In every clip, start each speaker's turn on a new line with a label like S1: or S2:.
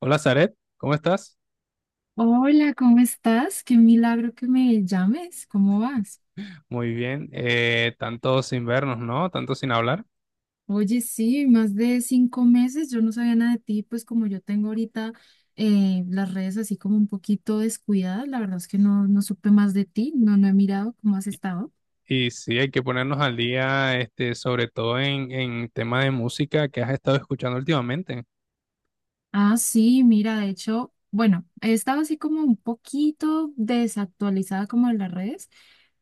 S1: Hola, Zaret, ¿cómo estás?
S2: Hola, ¿cómo estás? Qué milagro que me llames. ¿Cómo vas?
S1: Muy bien, tanto sin vernos, ¿no? Tanto sin hablar.
S2: Oye, sí, más de 5 meses. Yo no sabía nada de ti, pues como yo tengo ahorita las redes así como un poquito descuidadas, la verdad es que no, no supe más de ti, no, no he mirado cómo has estado.
S1: Y sí, hay que ponernos al día, sobre todo en tema de música que has estado escuchando últimamente.
S2: Ah, sí, mira, de hecho, bueno, he estado así como un poquito desactualizada como en las redes,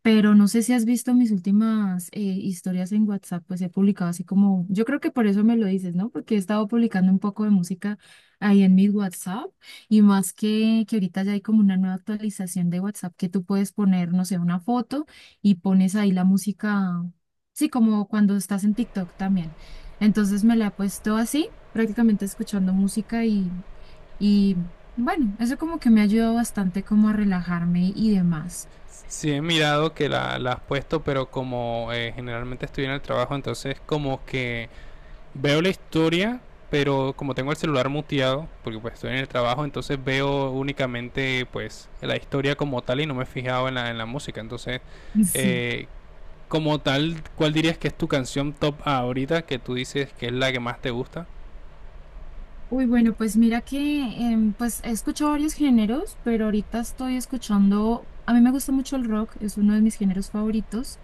S2: pero no sé si has visto mis últimas historias en WhatsApp, pues he publicado así como, yo creo que por eso me lo dices, ¿no? Porque he estado publicando un poco de música ahí en mi WhatsApp y más que ahorita ya hay como una nueva actualización de WhatsApp que tú puedes poner, no sé, una foto y pones ahí la música, sí, como cuando estás en TikTok también. Entonces me la he puesto así, prácticamente escuchando música y bueno, eso como que me ha ayudado bastante como a relajarme y demás.
S1: Sí, he mirado que la has puesto, pero como generalmente estoy en el trabajo, entonces como que veo la historia, pero como tengo el celular muteado, porque pues estoy en el trabajo, entonces veo únicamente pues la historia como tal y no me he fijado en en la música. Entonces
S2: Sí.
S1: eh, como tal, ¿cuál dirías que es tu canción top ahorita que tú dices que es la que más te gusta?
S2: Uy, bueno, pues mira que pues he escuchado varios géneros, pero ahorita estoy escuchando, a mí me gusta mucho el rock, es uno de mis géneros favoritos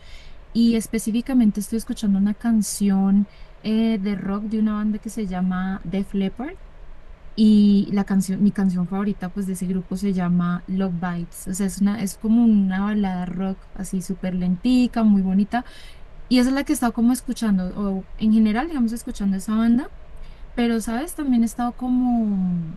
S2: y específicamente estoy escuchando una canción de rock de una banda que se llama Def Leppard. Y la canción, mi canción favorita pues de ese grupo se llama Love Vibes, o sea, es una, es como una balada rock así súper lentica, muy bonita, y esa es la que he estado como escuchando, o en general, digamos, escuchando esa banda, pero, ¿sabes? También he estado como,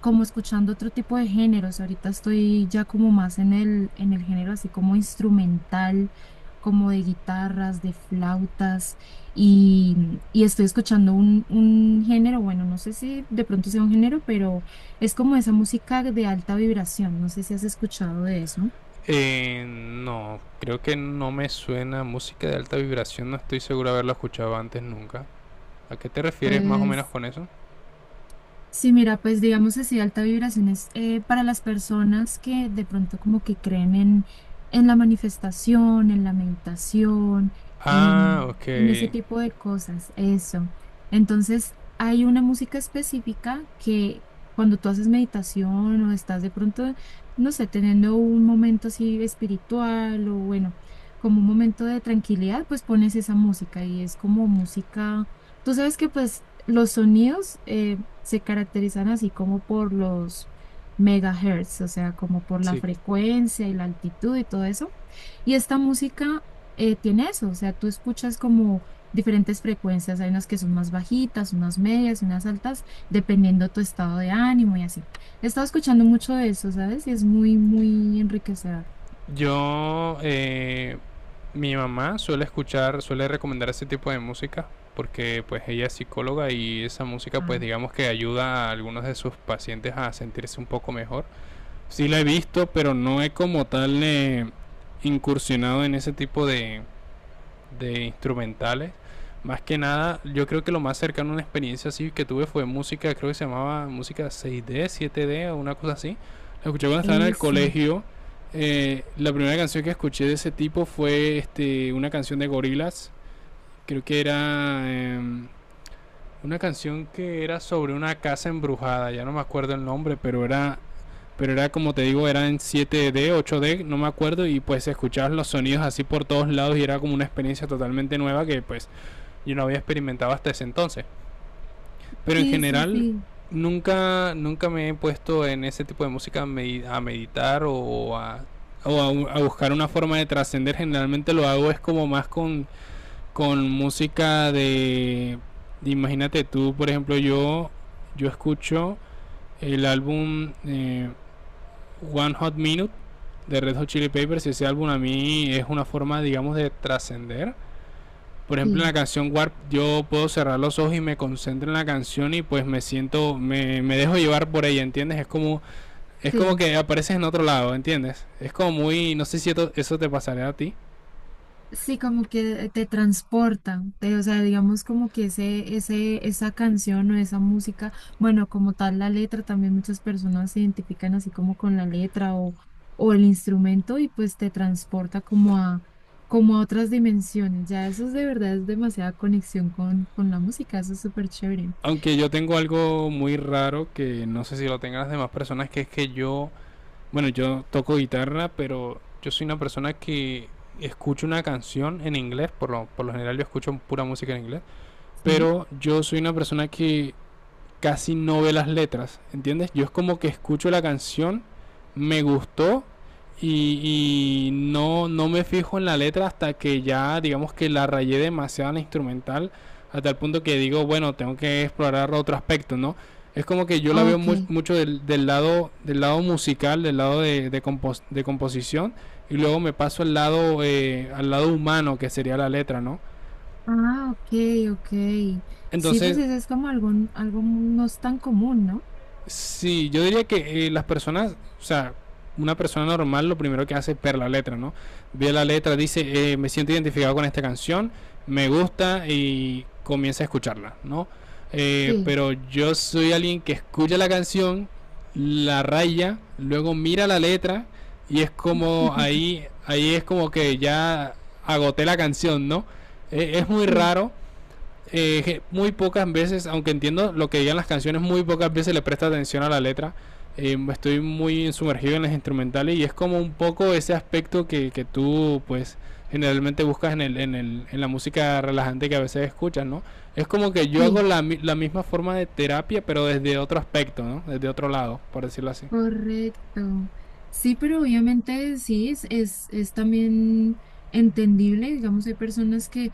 S2: como escuchando otro tipo de géneros. Ahorita estoy ya como más en el género así como instrumental, como de guitarras, de flautas, y estoy escuchando un género, bueno, no sé si de pronto sea un género, pero es como esa música de alta vibración. No sé si has escuchado de eso.
S1: No, creo que no me suena música de alta vibración, no estoy seguro de haberlo escuchado antes nunca. ¿A qué te refieres más o menos
S2: Pues
S1: con eso?
S2: sí, mira, pues digamos así, alta vibración es para las personas que de pronto como que creen en la manifestación, en la meditación,
S1: Ah,
S2: en,
S1: ok.
S2: en ese tipo de cosas, eso. Entonces, hay una música específica que cuando tú haces meditación o estás de pronto, no sé, teniendo un momento así espiritual o bueno, como un momento de tranquilidad, pues pones esa música y es como música, tú sabes que pues los sonidos se caracterizan así como por los megahertz, o sea, como por la
S1: Sí.
S2: frecuencia y la altitud y todo eso. Y esta música tiene eso, o sea, tú escuchas como diferentes frecuencias, hay unas que son más bajitas, unas medias y unas altas, dependiendo tu estado de ánimo y así. He estado escuchando mucho de eso, ¿sabes? Y es muy, muy enriquecedor.
S1: Yo, mi mamá suele escuchar, suele recomendar ese tipo de música porque pues ella es psicóloga y esa música pues
S2: Ah,
S1: digamos que ayuda a algunos de sus pacientes a sentirse un poco mejor. Sí la he visto, pero no he como tal incursionado en ese tipo de instrumentales. Más que nada, yo creo que lo más cercano a una experiencia así que tuve fue música, creo que se llamaba música 6D, 7D o una cosa así. La escuché cuando estaba en el
S2: eso.
S1: colegio. La primera canción que escuché de ese tipo fue una canción de Gorillaz. Creo que era una canción que era sobre una casa embrujada, ya no me acuerdo el nombre, pero era como te digo, era en siete d ocho d, no me acuerdo, y pues escuchabas los sonidos así por todos lados y era como una experiencia totalmente nueva que pues yo no había experimentado hasta ese entonces. Pero en
S2: Sí, sí,
S1: general
S2: sí,
S1: nunca me he puesto en ese tipo de música a meditar o a, o a buscar una forma de trascender. Generalmente lo hago es como más con música de, imagínate tú, por ejemplo, yo escucho el álbum One Hot Minute de Red Hot Chili Peppers, y ese álbum a mí es una forma, digamos, de trascender. Por ejemplo, en la
S2: sí,
S1: canción Warp yo puedo cerrar los ojos y me concentro en la canción y pues me siento, me dejo llevar por ella, ¿entiendes? Es como
S2: sí.
S1: que apareces en otro lado, ¿entiendes? Es como muy, no sé si eso te pasaría a ti.
S2: Sí, como que te transporta, o sea, digamos como que esa canción o esa música, bueno, como tal la letra, también muchas personas se identifican así como con la letra o el instrumento y pues te transporta como a otras dimensiones. Ya eso es de verdad, es demasiada conexión con la música, eso es súper chévere.
S1: Aunque yo tengo algo muy raro que no sé si lo tengan las demás personas, que es que bueno, yo toco guitarra, pero yo soy una persona que escucho una canción en inglés, por lo general yo escucho pura música en inglés,
S2: Sí,
S1: pero yo soy una persona que casi no ve las letras, ¿entiendes? Yo es como que escucho la canción, me gustó y no, no me fijo en la letra hasta que ya, digamos que la rayé demasiado en la instrumental, hasta el punto que digo, bueno, tengo que explorar otro aspecto, ¿no? Es como que yo la veo
S2: ok.
S1: mucho del lado musical, del lado de, de composición, y luego me paso al lado humano, que sería la letra, ¿no?
S2: Ah, ok, ok. Sí, pues
S1: Entonces,
S2: eso es como algo no es tan común, ¿no?
S1: sí, yo diría que las personas, o sea, una persona normal lo primero que hace es ver la letra, ¿no? Ve la letra, dice, me siento identificado con esta canción, me gusta y comienza a escucharla, ¿no?
S2: Sí,
S1: Pero yo soy alguien que escucha la canción, la raya, luego mira la letra, y es como ahí, ahí es como que ya agoté la canción, ¿no? Es muy
S2: sí,
S1: raro, muy pocas veces, aunque entiendo lo que digan las canciones, muy pocas veces le presta atención a la letra. Estoy muy sumergido en las instrumentales y es como un poco ese aspecto que tú, pues, generalmente buscas en, en, en la música relajante que a veces escuchas, ¿no? Es como que yo hago
S2: sí.
S1: la misma forma de terapia, pero desde otro aspecto, ¿no? Desde otro lado, por decirlo así.
S2: Correcto. Sí, pero obviamente sí, es también entendible, digamos, hay personas que,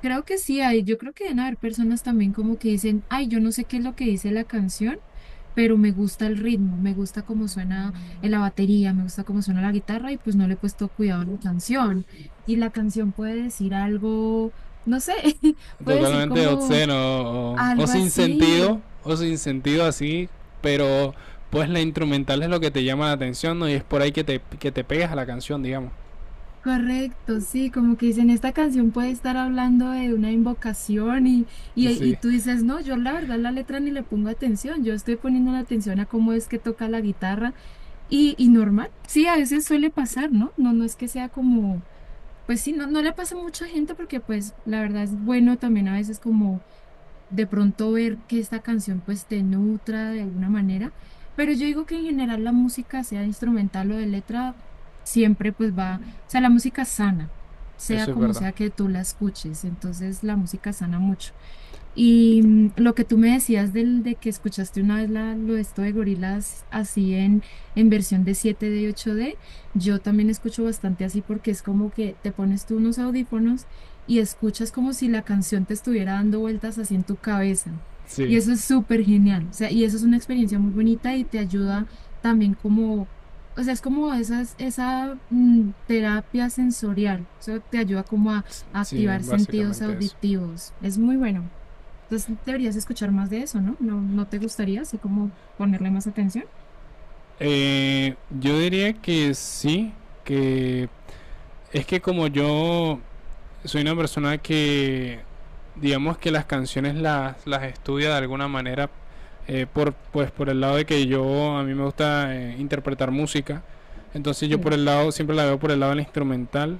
S2: creo que sí, hay, yo creo que deben haber personas también como que dicen, ay, yo no sé qué es lo que dice la canción, pero me gusta el ritmo, me gusta cómo suena en la batería, me gusta cómo suena la guitarra y pues no le he puesto cuidado a la canción. Y la canción puede decir algo, no sé, puede decir
S1: Totalmente
S2: como
S1: obsceno o, o
S2: algo
S1: sin
S2: así.
S1: sentido, o sin sentido así, pero pues la instrumental es lo que te llama la atención, ¿no? Y es por ahí que te pegas a la canción, digamos.
S2: Correcto, sí, como que dicen, esta canción puede estar hablando de una invocación y
S1: Sí,
S2: tú dices, no, yo la verdad la letra ni le pongo atención, yo estoy poniendo la atención a cómo es que toca la guitarra y normal, sí, a veces suele pasar, ¿no? No, no es que sea como, pues sí, no, no le pasa a mucha gente porque pues la verdad es bueno también a veces como de pronto ver que esta canción pues te nutra de alguna manera, pero yo digo que en general la música, sea instrumental o de letra, siempre pues va, o sea, la música sana, sea
S1: eso es
S2: como
S1: verdad.
S2: sea que tú la escuches, entonces la música sana mucho. Y lo que tú me decías de que escuchaste una vez lo de esto de gorilas así en versión de 7D y 8D, yo también escucho bastante así porque es como que te pones tú unos audífonos y escuchas como si la canción te estuviera dando vueltas así en tu cabeza. Y
S1: Sí,
S2: eso es súper genial. O sea, y eso es una experiencia muy bonita y te ayuda también como, o sea, es como esa terapia sensorial. Eso te ayuda como a
S1: sí,
S2: activar sentidos
S1: básicamente eso.
S2: auditivos. Es muy bueno. Entonces deberías escuchar más de eso, ¿no? ¿No, no te gustaría así como ponerle más atención?
S1: Eh, yo diría que sí, que es que como yo soy una persona digamos que las canciones las estudia de alguna manera, pues por el lado de que yo, a mí me gusta interpretar música, entonces yo por
S2: Sí.
S1: el lado, siempre la veo por el lado del instrumental.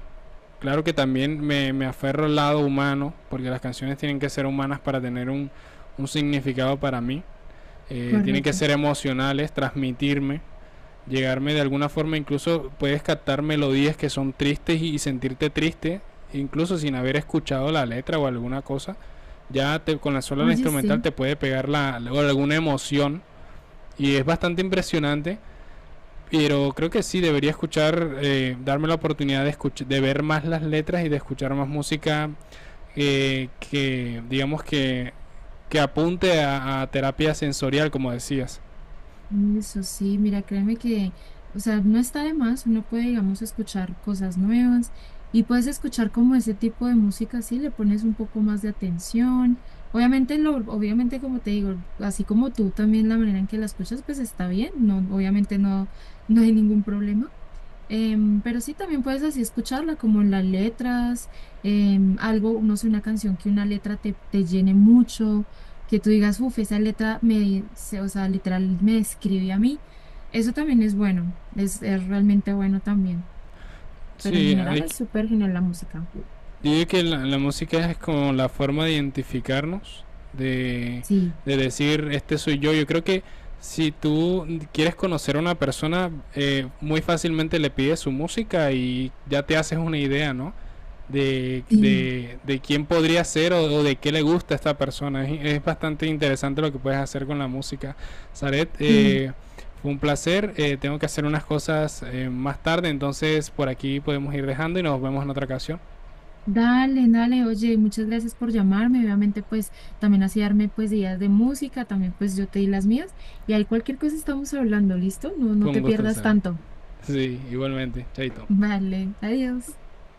S1: Claro que también me aferro al lado humano, porque las canciones tienen que ser humanas para tener un significado para mí. Tienen que
S2: Correcto.
S1: ser emocionales, transmitirme, llegarme de alguna forma. Incluso puedes captar melodías que son tristes y sentirte triste, incluso sin haber escuchado la letra o alguna cosa, ya te, con la sola la
S2: Oye,
S1: instrumental
S2: sí,
S1: te puede pegar alguna emoción, y es bastante impresionante. Pero creo que sí, debería escuchar, darme la oportunidad de escuchar, de ver más las letras y de escuchar más música digamos que apunte a terapia sensorial, como decías.
S2: eso sí, mira, créeme que, o sea, no está de más, uno puede, digamos, escuchar cosas nuevas y puedes escuchar como ese tipo de música, sí, le pones un poco más de atención. Obviamente, obviamente, como te digo, así como tú también la manera en que la escuchas, pues está bien, no, obviamente no, no hay ningún problema. Pero sí, también puedes así escucharla como en las letras, algo, no sé, una canción que una letra te llene mucho, que tú digas, uff, esa letra o sea, literal me describe a mí. Eso también es bueno, es realmente bueno también. Pero en
S1: Sí,
S2: general
S1: hay,
S2: es súper genial la música.
S1: yo digo que la música es como la forma de identificarnos, de,
S2: Sí,
S1: de decir, este soy yo. Yo creo que si tú quieres conocer a una persona, muy fácilmente le pides su música y ya te haces una idea, ¿no?
S2: sí,
S1: De quién podría ser o de qué le gusta a esta persona. Es bastante interesante lo que puedes hacer con la música. Saret,
S2: sí.
S1: fue un placer. Tengo que hacer unas cosas más tarde, entonces por aquí podemos ir dejando y nos vemos en otra ocasión.
S2: Dale, dale, oye, muchas gracias por llamarme. Obviamente, pues también así darme pues ideas de música, también pues yo te di las mías. Y ahí cualquier cosa estamos hablando, ¿listo? No,
S1: Fue
S2: no
S1: un
S2: te
S1: gusto
S2: pierdas
S1: estar.
S2: tanto.
S1: Sí, igualmente. Chaito.
S2: Vale, adiós.